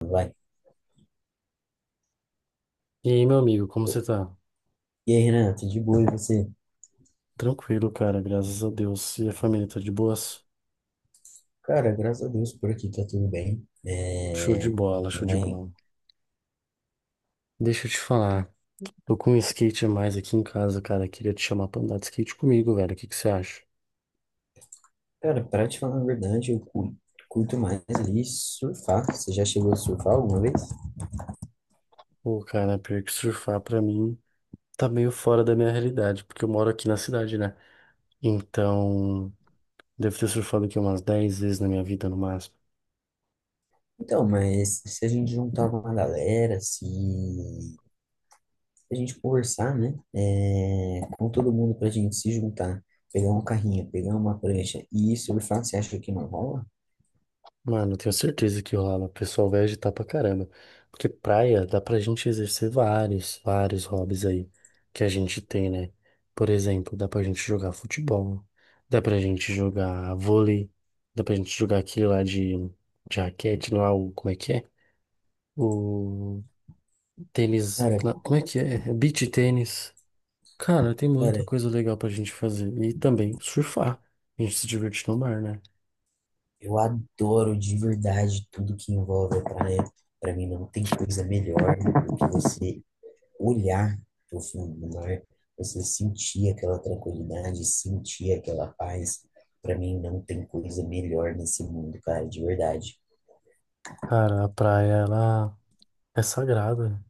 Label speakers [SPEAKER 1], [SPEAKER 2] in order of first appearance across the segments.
[SPEAKER 1] Vai.
[SPEAKER 2] E aí, meu amigo, como você tá?
[SPEAKER 1] E aí, Renan, tudo de boa e você?
[SPEAKER 2] Tranquilo, cara, graças a Deus. E a família tá de boas?
[SPEAKER 1] Cara, graças a Deus por aqui tá tudo bem.
[SPEAKER 2] Show de bola,
[SPEAKER 1] Minha
[SPEAKER 2] show de
[SPEAKER 1] mãe,
[SPEAKER 2] bola. Deixa eu te falar, tô com um skate a mais aqui em casa, cara. Queria te chamar pra andar de skate comigo, velho. O que que você acha?
[SPEAKER 1] cara, pra te falar a verdade, curto mais ali surfar. Você já chegou a surfar alguma vez?
[SPEAKER 2] Pô, cara, pior que surfar pra mim tá meio fora da minha realidade, porque eu moro aqui na cidade, né? Então, devo ter surfado aqui umas 10 vezes na minha vida no máximo.
[SPEAKER 1] Então, mas se a gente juntar uma galera, se a gente conversar, né? Com todo mundo pra gente se juntar, pegar um carrinho, pegar uma prancha e surfar, você acha que não rola?
[SPEAKER 2] Mano, eu tenho certeza que rola. O pessoal vai agitar pra caramba. Porque praia dá pra gente exercer vários, vários hobbies aí que a gente tem, né? Por exemplo, dá pra gente jogar futebol, dá pra gente jogar vôlei, dá pra gente jogar aquele lá de raquete, não é o, como é que é? O tênis,
[SPEAKER 1] Cara,
[SPEAKER 2] como é que é? É Beach tênis. Cara, tem
[SPEAKER 1] cara.
[SPEAKER 2] muita coisa legal pra gente fazer. E também surfar. A gente se divertir no mar, né?
[SPEAKER 1] Eu adoro de verdade tudo que envolve a praia. Para mim não tem coisa melhor do que você olhar para fundo do mar, você sentir aquela tranquilidade, sentir aquela paz. Para mim não tem coisa melhor nesse mundo, cara, de verdade.
[SPEAKER 2] Cara, a praia, ela é sagrada.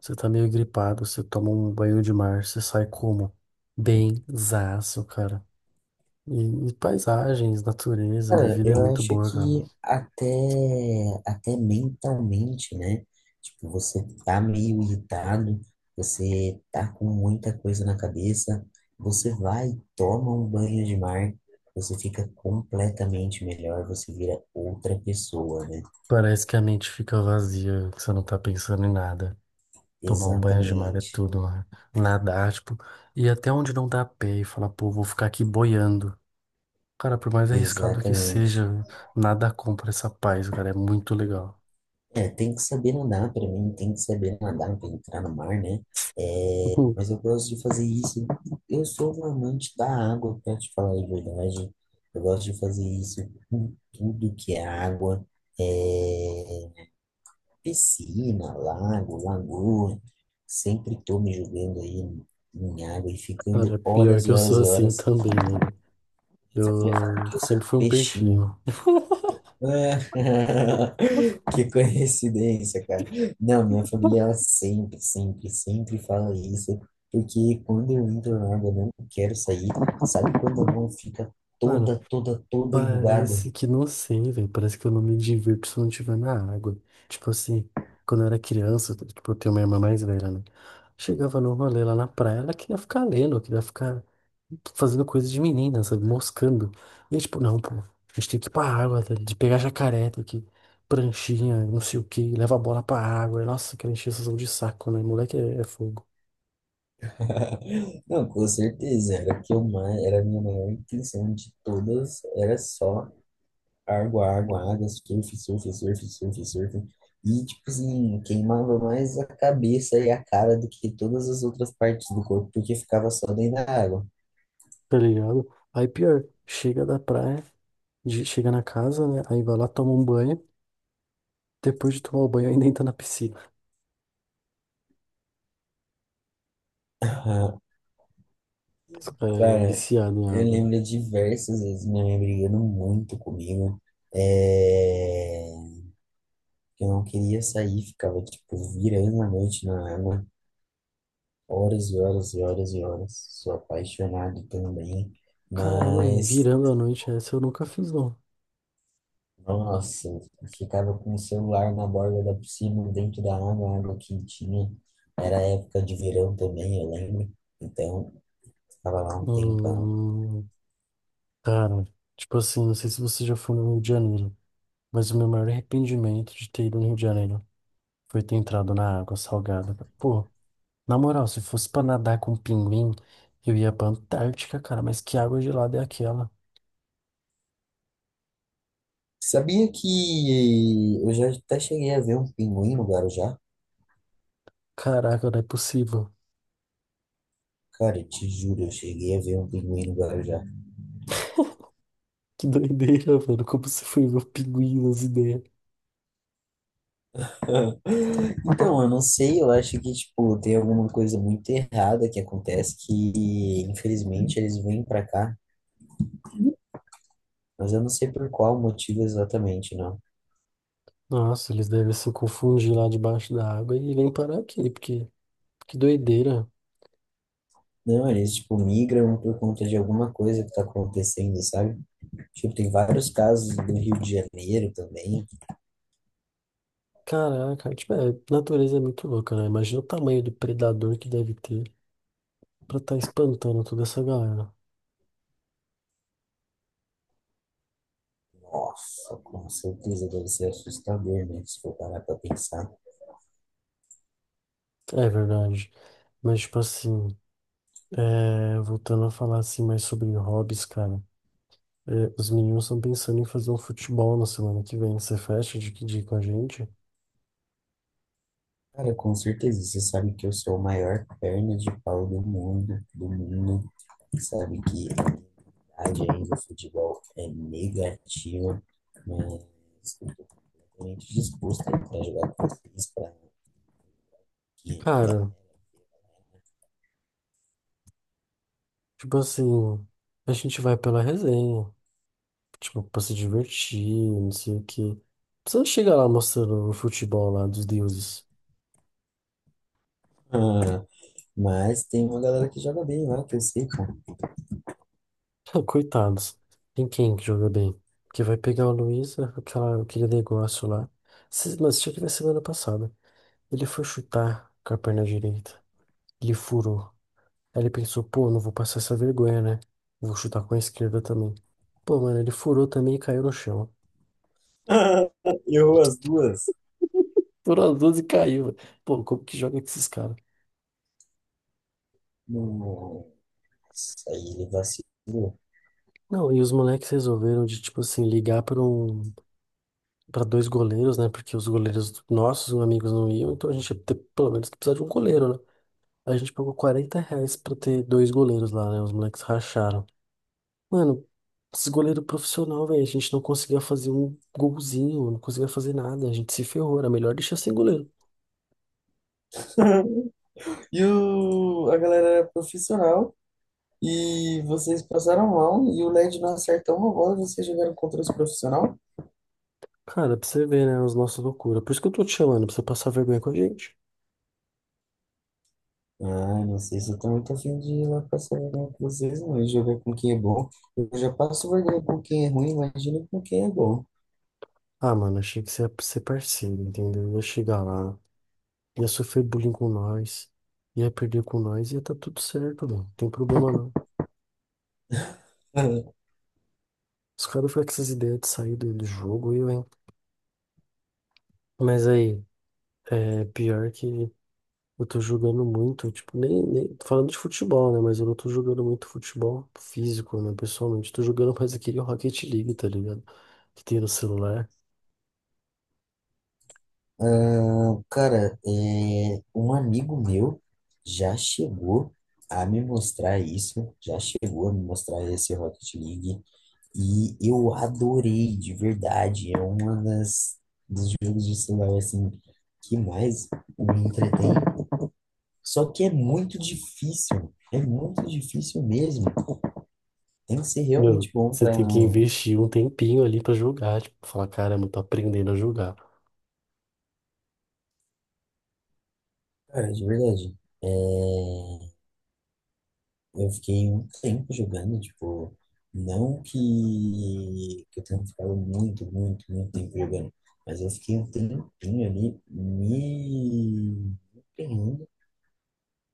[SPEAKER 2] Você tá meio gripado, você toma um banho de mar, você sai como? Bem zaço, cara. E paisagens, natureza, a
[SPEAKER 1] Cara,
[SPEAKER 2] vida é
[SPEAKER 1] eu
[SPEAKER 2] muito
[SPEAKER 1] acho
[SPEAKER 2] boa, cara.
[SPEAKER 1] que até mentalmente, né? Tipo, você tá meio irritado, você tá com muita coisa na cabeça, você vai, toma um banho de mar, você fica completamente melhor, você vira outra pessoa, né?
[SPEAKER 2] Parece que a mente fica vazia, que você não tá pensando em nada. Tomar um banho de mar é
[SPEAKER 1] Exatamente,
[SPEAKER 2] tudo, né? Nadar, tipo, ir até onde não dá pé e falar, pô, vou ficar aqui boiando. Cara, por mais arriscado que
[SPEAKER 1] exatamente.
[SPEAKER 2] seja, nada compra essa paz, cara, é muito legal.
[SPEAKER 1] É, tem que saber nadar para mim, tem que saber nadar para entrar no mar, né? É,
[SPEAKER 2] Pô,
[SPEAKER 1] mas eu gosto de fazer isso. Eu sou um amante da água, para te falar a verdade. Eu gosto de fazer isso com tudo que é água, é, piscina, lago, lagoa. Sempre tô me jogando aí em água e ficando
[SPEAKER 2] cara, pior
[SPEAKER 1] horas
[SPEAKER 2] que
[SPEAKER 1] e
[SPEAKER 2] eu
[SPEAKER 1] horas
[SPEAKER 2] sou
[SPEAKER 1] e
[SPEAKER 2] assim
[SPEAKER 1] horas.
[SPEAKER 2] também, né?
[SPEAKER 1] Minha família fala
[SPEAKER 2] Eu
[SPEAKER 1] que eu sou
[SPEAKER 2] sempre
[SPEAKER 1] um
[SPEAKER 2] fui um
[SPEAKER 1] peixinho.
[SPEAKER 2] peixinho.
[SPEAKER 1] Ah, que coincidência, cara. Não, minha família ela sempre fala isso, porque quando eu entro na água, eu não quero sair. Sabe quando a mão fica
[SPEAKER 2] Mano,
[SPEAKER 1] toda enrugada?
[SPEAKER 2] parece que não sei, velho. Parece que eu não me divirto se eu não estiver na água. Tipo assim, quando eu era criança, tipo, eu tenho uma irmã mais velha, né? Chegava no rolê lá na praia, ela queria ficar lendo, queria ficar fazendo coisa de menina, sabe? Moscando. E eu, tipo, não, pô, a gente tem que ir pra água, tá? De pegar jacaré, tem que pranchinha, não sei o quê, leva a bola pra água. E, nossa, aquela encheção de saco, né? Moleque é fogo,
[SPEAKER 1] Não, com certeza, era o que era a minha maior intenção de todas, era só água, água, água, surf, surf, surf, surf, surf. E, tipo assim, queimava mais a cabeça e a cara do que todas as outras partes do corpo, porque ficava só dentro da água.
[SPEAKER 2] tá ligado? Aí pior, chega da praia, chega na casa, né? Aí vai lá, toma um banho. Depois de tomar o banho, ainda entra na piscina.
[SPEAKER 1] Ah,
[SPEAKER 2] É,
[SPEAKER 1] cara,
[SPEAKER 2] viciado em
[SPEAKER 1] eu
[SPEAKER 2] água.
[SPEAKER 1] lembro de diversas vezes minha mãe brigando muito comigo. É... Eu não queria sair, ficava, tipo, virando a noite na água, horas e horas e horas e horas. Sou apaixonado também,
[SPEAKER 2] Caramba, e
[SPEAKER 1] mas.
[SPEAKER 2] virando a noite, essa eu nunca fiz, não.
[SPEAKER 1] Nossa, eu ficava com o celular na borda da piscina, dentro da água, a água quentinha. Era época de verão também, eu lembro. Então, ficava lá um tempão.
[SPEAKER 2] Hum, Cara, tipo assim, não sei se você já foi no Rio de Janeiro, mas o meu maior arrependimento de ter ido no Rio de Janeiro foi ter entrado na água salgada. Pô, na moral, se fosse pra nadar com pinguim, eu ia pra Antártica, cara, mas que água gelada é aquela?
[SPEAKER 1] Sabia que eu já até cheguei a ver um pinguim no Guarujá?
[SPEAKER 2] Caraca, não é possível.
[SPEAKER 1] Cara, eu te juro, eu cheguei a ver um pinguim no Guarujá.
[SPEAKER 2] Que doideira, mano, como você foi ver o pinguim nas ideias.
[SPEAKER 1] Então, eu não sei, eu acho que, tipo, tem alguma coisa muito errada que acontece que, infelizmente, eles vêm pra cá, mas eu não sei por qual motivo exatamente, não.
[SPEAKER 2] Nossa, eles devem se confundir lá debaixo da água e vêm parar aqui, porque que doideira.
[SPEAKER 1] Não, eles, tipo, migram por conta de alguma coisa que tá acontecendo, sabe? Tipo, tem vários casos do Rio de Janeiro também.
[SPEAKER 2] Caraca, tipo, a natureza é muito louca, né? Imagina o tamanho do predador que deve ter pra estar espantando toda essa galera.
[SPEAKER 1] Nossa, com certeza deve ser assustador, né? Se for parar pra pensar.
[SPEAKER 2] É verdade. Mas, tipo assim, voltando a falar assim mais sobre hobbies, cara. Os meninos estão pensando em fazer um futebol na semana que vem. Você fecha de que dia com a gente?
[SPEAKER 1] Cara, com certeza, você sabe que eu sou a maior perna de pau do mundo, do mundo. Sabe que a minha idade ainda, o futebol é negativa, mas eu tô completamente disposto a ir pra jogar com vocês, pra que ainda...
[SPEAKER 2] Cara, tipo assim, a gente vai pela resenha. Tipo, pra se divertir, não sei o quê. Você não chega lá mostrando o futebol lá dos deuses.
[SPEAKER 1] Ah, mas tem uma galera que joga bem lá, que eu sei, pô.
[SPEAKER 2] Coitados. Tem quem que joga bem? Porque vai pegar o Luiz, aquela, aquele negócio lá. Mas tinha que ver semana passada. Ele foi chutar com a perna direita. Ele furou. Aí ele pensou, pô, não vou passar essa vergonha, né? Vou chutar com a esquerda também. Pô, mano, ele furou também e caiu no chão.
[SPEAKER 1] Errou as duas.
[SPEAKER 2] Furou as duas e caiu. Pô, como que joga com esses caras?
[SPEAKER 1] Nossa, aí ele vacilou.
[SPEAKER 2] Não, e os moleques resolveram de, tipo assim, ligar para dois goleiros, né? Porque os goleiros nossos, amigos, não iam, então a gente ia ter pelo menos que precisar de um goleiro, né? A gente pagou R$ 40 pra ter dois goleiros lá, né? Os moleques racharam. Mano, esses goleiros profissional, velho, a gente não conseguia fazer um golzinho, não conseguia fazer nada, a gente se ferrou, era melhor deixar sem goleiro.
[SPEAKER 1] A galera era profissional. E vocês passaram mal e o LED não acertou uma bola e vocês jogaram contra os profissional?
[SPEAKER 2] Cara, pra você ver, né? As nossas loucuras. Por isso que eu tô te chamando, pra você passar vergonha com a gente.
[SPEAKER 1] Ah, não sei se eu tô muito afim de ir lá passar vergonha com vocês, não. Eu jogar com quem é bom. Eu já passo vergonha com quem é ruim, imagina com quem é bom.
[SPEAKER 2] Ah, mano, achei que você ia ser parceiro, entendeu? Ia chegar lá, ia sofrer bullying com nós, ia perder com nós, ia tá tudo certo, mano. Não tem problema não. Os caras ficam com essas ideias de sair do jogo, eu, hein? Mas aí, é pior que eu tô jogando muito, tipo, nem tô falando de futebol, né? Mas eu não tô jogando muito futebol físico, né? Pessoalmente, tô jogando mais aquele Rocket League, tá ligado? Que tem no celular.
[SPEAKER 1] Ah, cara, é, um amigo meu já chegou a me mostrar isso, já chegou a me mostrar esse Rocket League e eu adorei de verdade. É uma das dos jogos de celular assim que mais me entretém. Só que é muito difícil mesmo. Tem que ser realmente
[SPEAKER 2] Meu,
[SPEAKER 1] bom
[SPEAKER 2] você
[SPEAKER 1] para,
[SPEAKER 2] tem que investir um tempinho ali pra jogar, tipo, falar, caramba, tô aprendendo a jogar.
[SPEAKER 1] cara, de verdade. É, eu fiquei um tempo jogando, tipo, não que eu tenha ficado muito tempo jogando, mas eu fiquei um tempinho ali me empenhando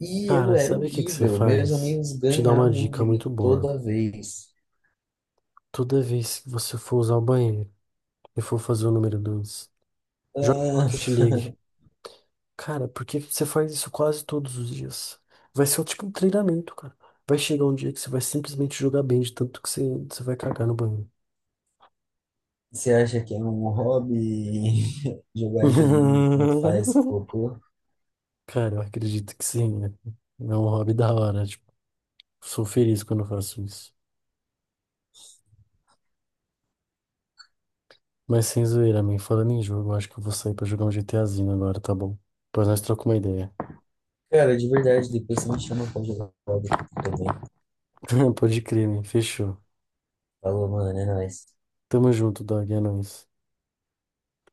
[SPEAKER 1] e eu
[SPEAKER 2] Cara,
[SPEAKER 1] era
[SPEAKER 2] sabe o que que você
[SPEAKER 1] horrível. Meus
[SPEAKER 2] faz?
[SPEAKER 1] amigos
[SPEAKER 2] Te dá uma
[SPEAKER 1] ganhavam
[SPEAKER 2] dica
[SPEAKER 1] de mim
[SPEAKER 2] muito boa.
[SPEAKER 1] toda vez.
[SPEAKER 2] Toda vez que você for usar o banheiro e for fazer o número 2, joga Rocket
[SPEAKER 1] Ah,
[SPEAKER 2] League. Cara, por que que você faz isso quase todos os dias? Vai ser tipo um treinamento, cara. Vai chegar um dia que você vai simplesmente jogar bem de tanto que você vai cagar no banheiro.
[SPEAKER 1] você acha que é um hobby jogar joguinho enquanto faz cocô?
[SPEAKER 2] Cara, eu acredito que sim, né? É um hobby da hora, tipo, sou feliz quando eu faço isso. Mas sem zoeira, man, falando em jogo, eu acho que eu vou sair pra jogar um GTAzinho agora, tá bom? Depois nós trocamos uma ideia.
[SPEAKER 1] Cara, de verdade, depois você me chama pra jogar hobby também.
[SPEAKER 2] Pode crer, man, fechou.
[SPEAKER 1] Falou, mano, é nóis.
[SPEAKER 2] Tamo junto, Dog, é nóis.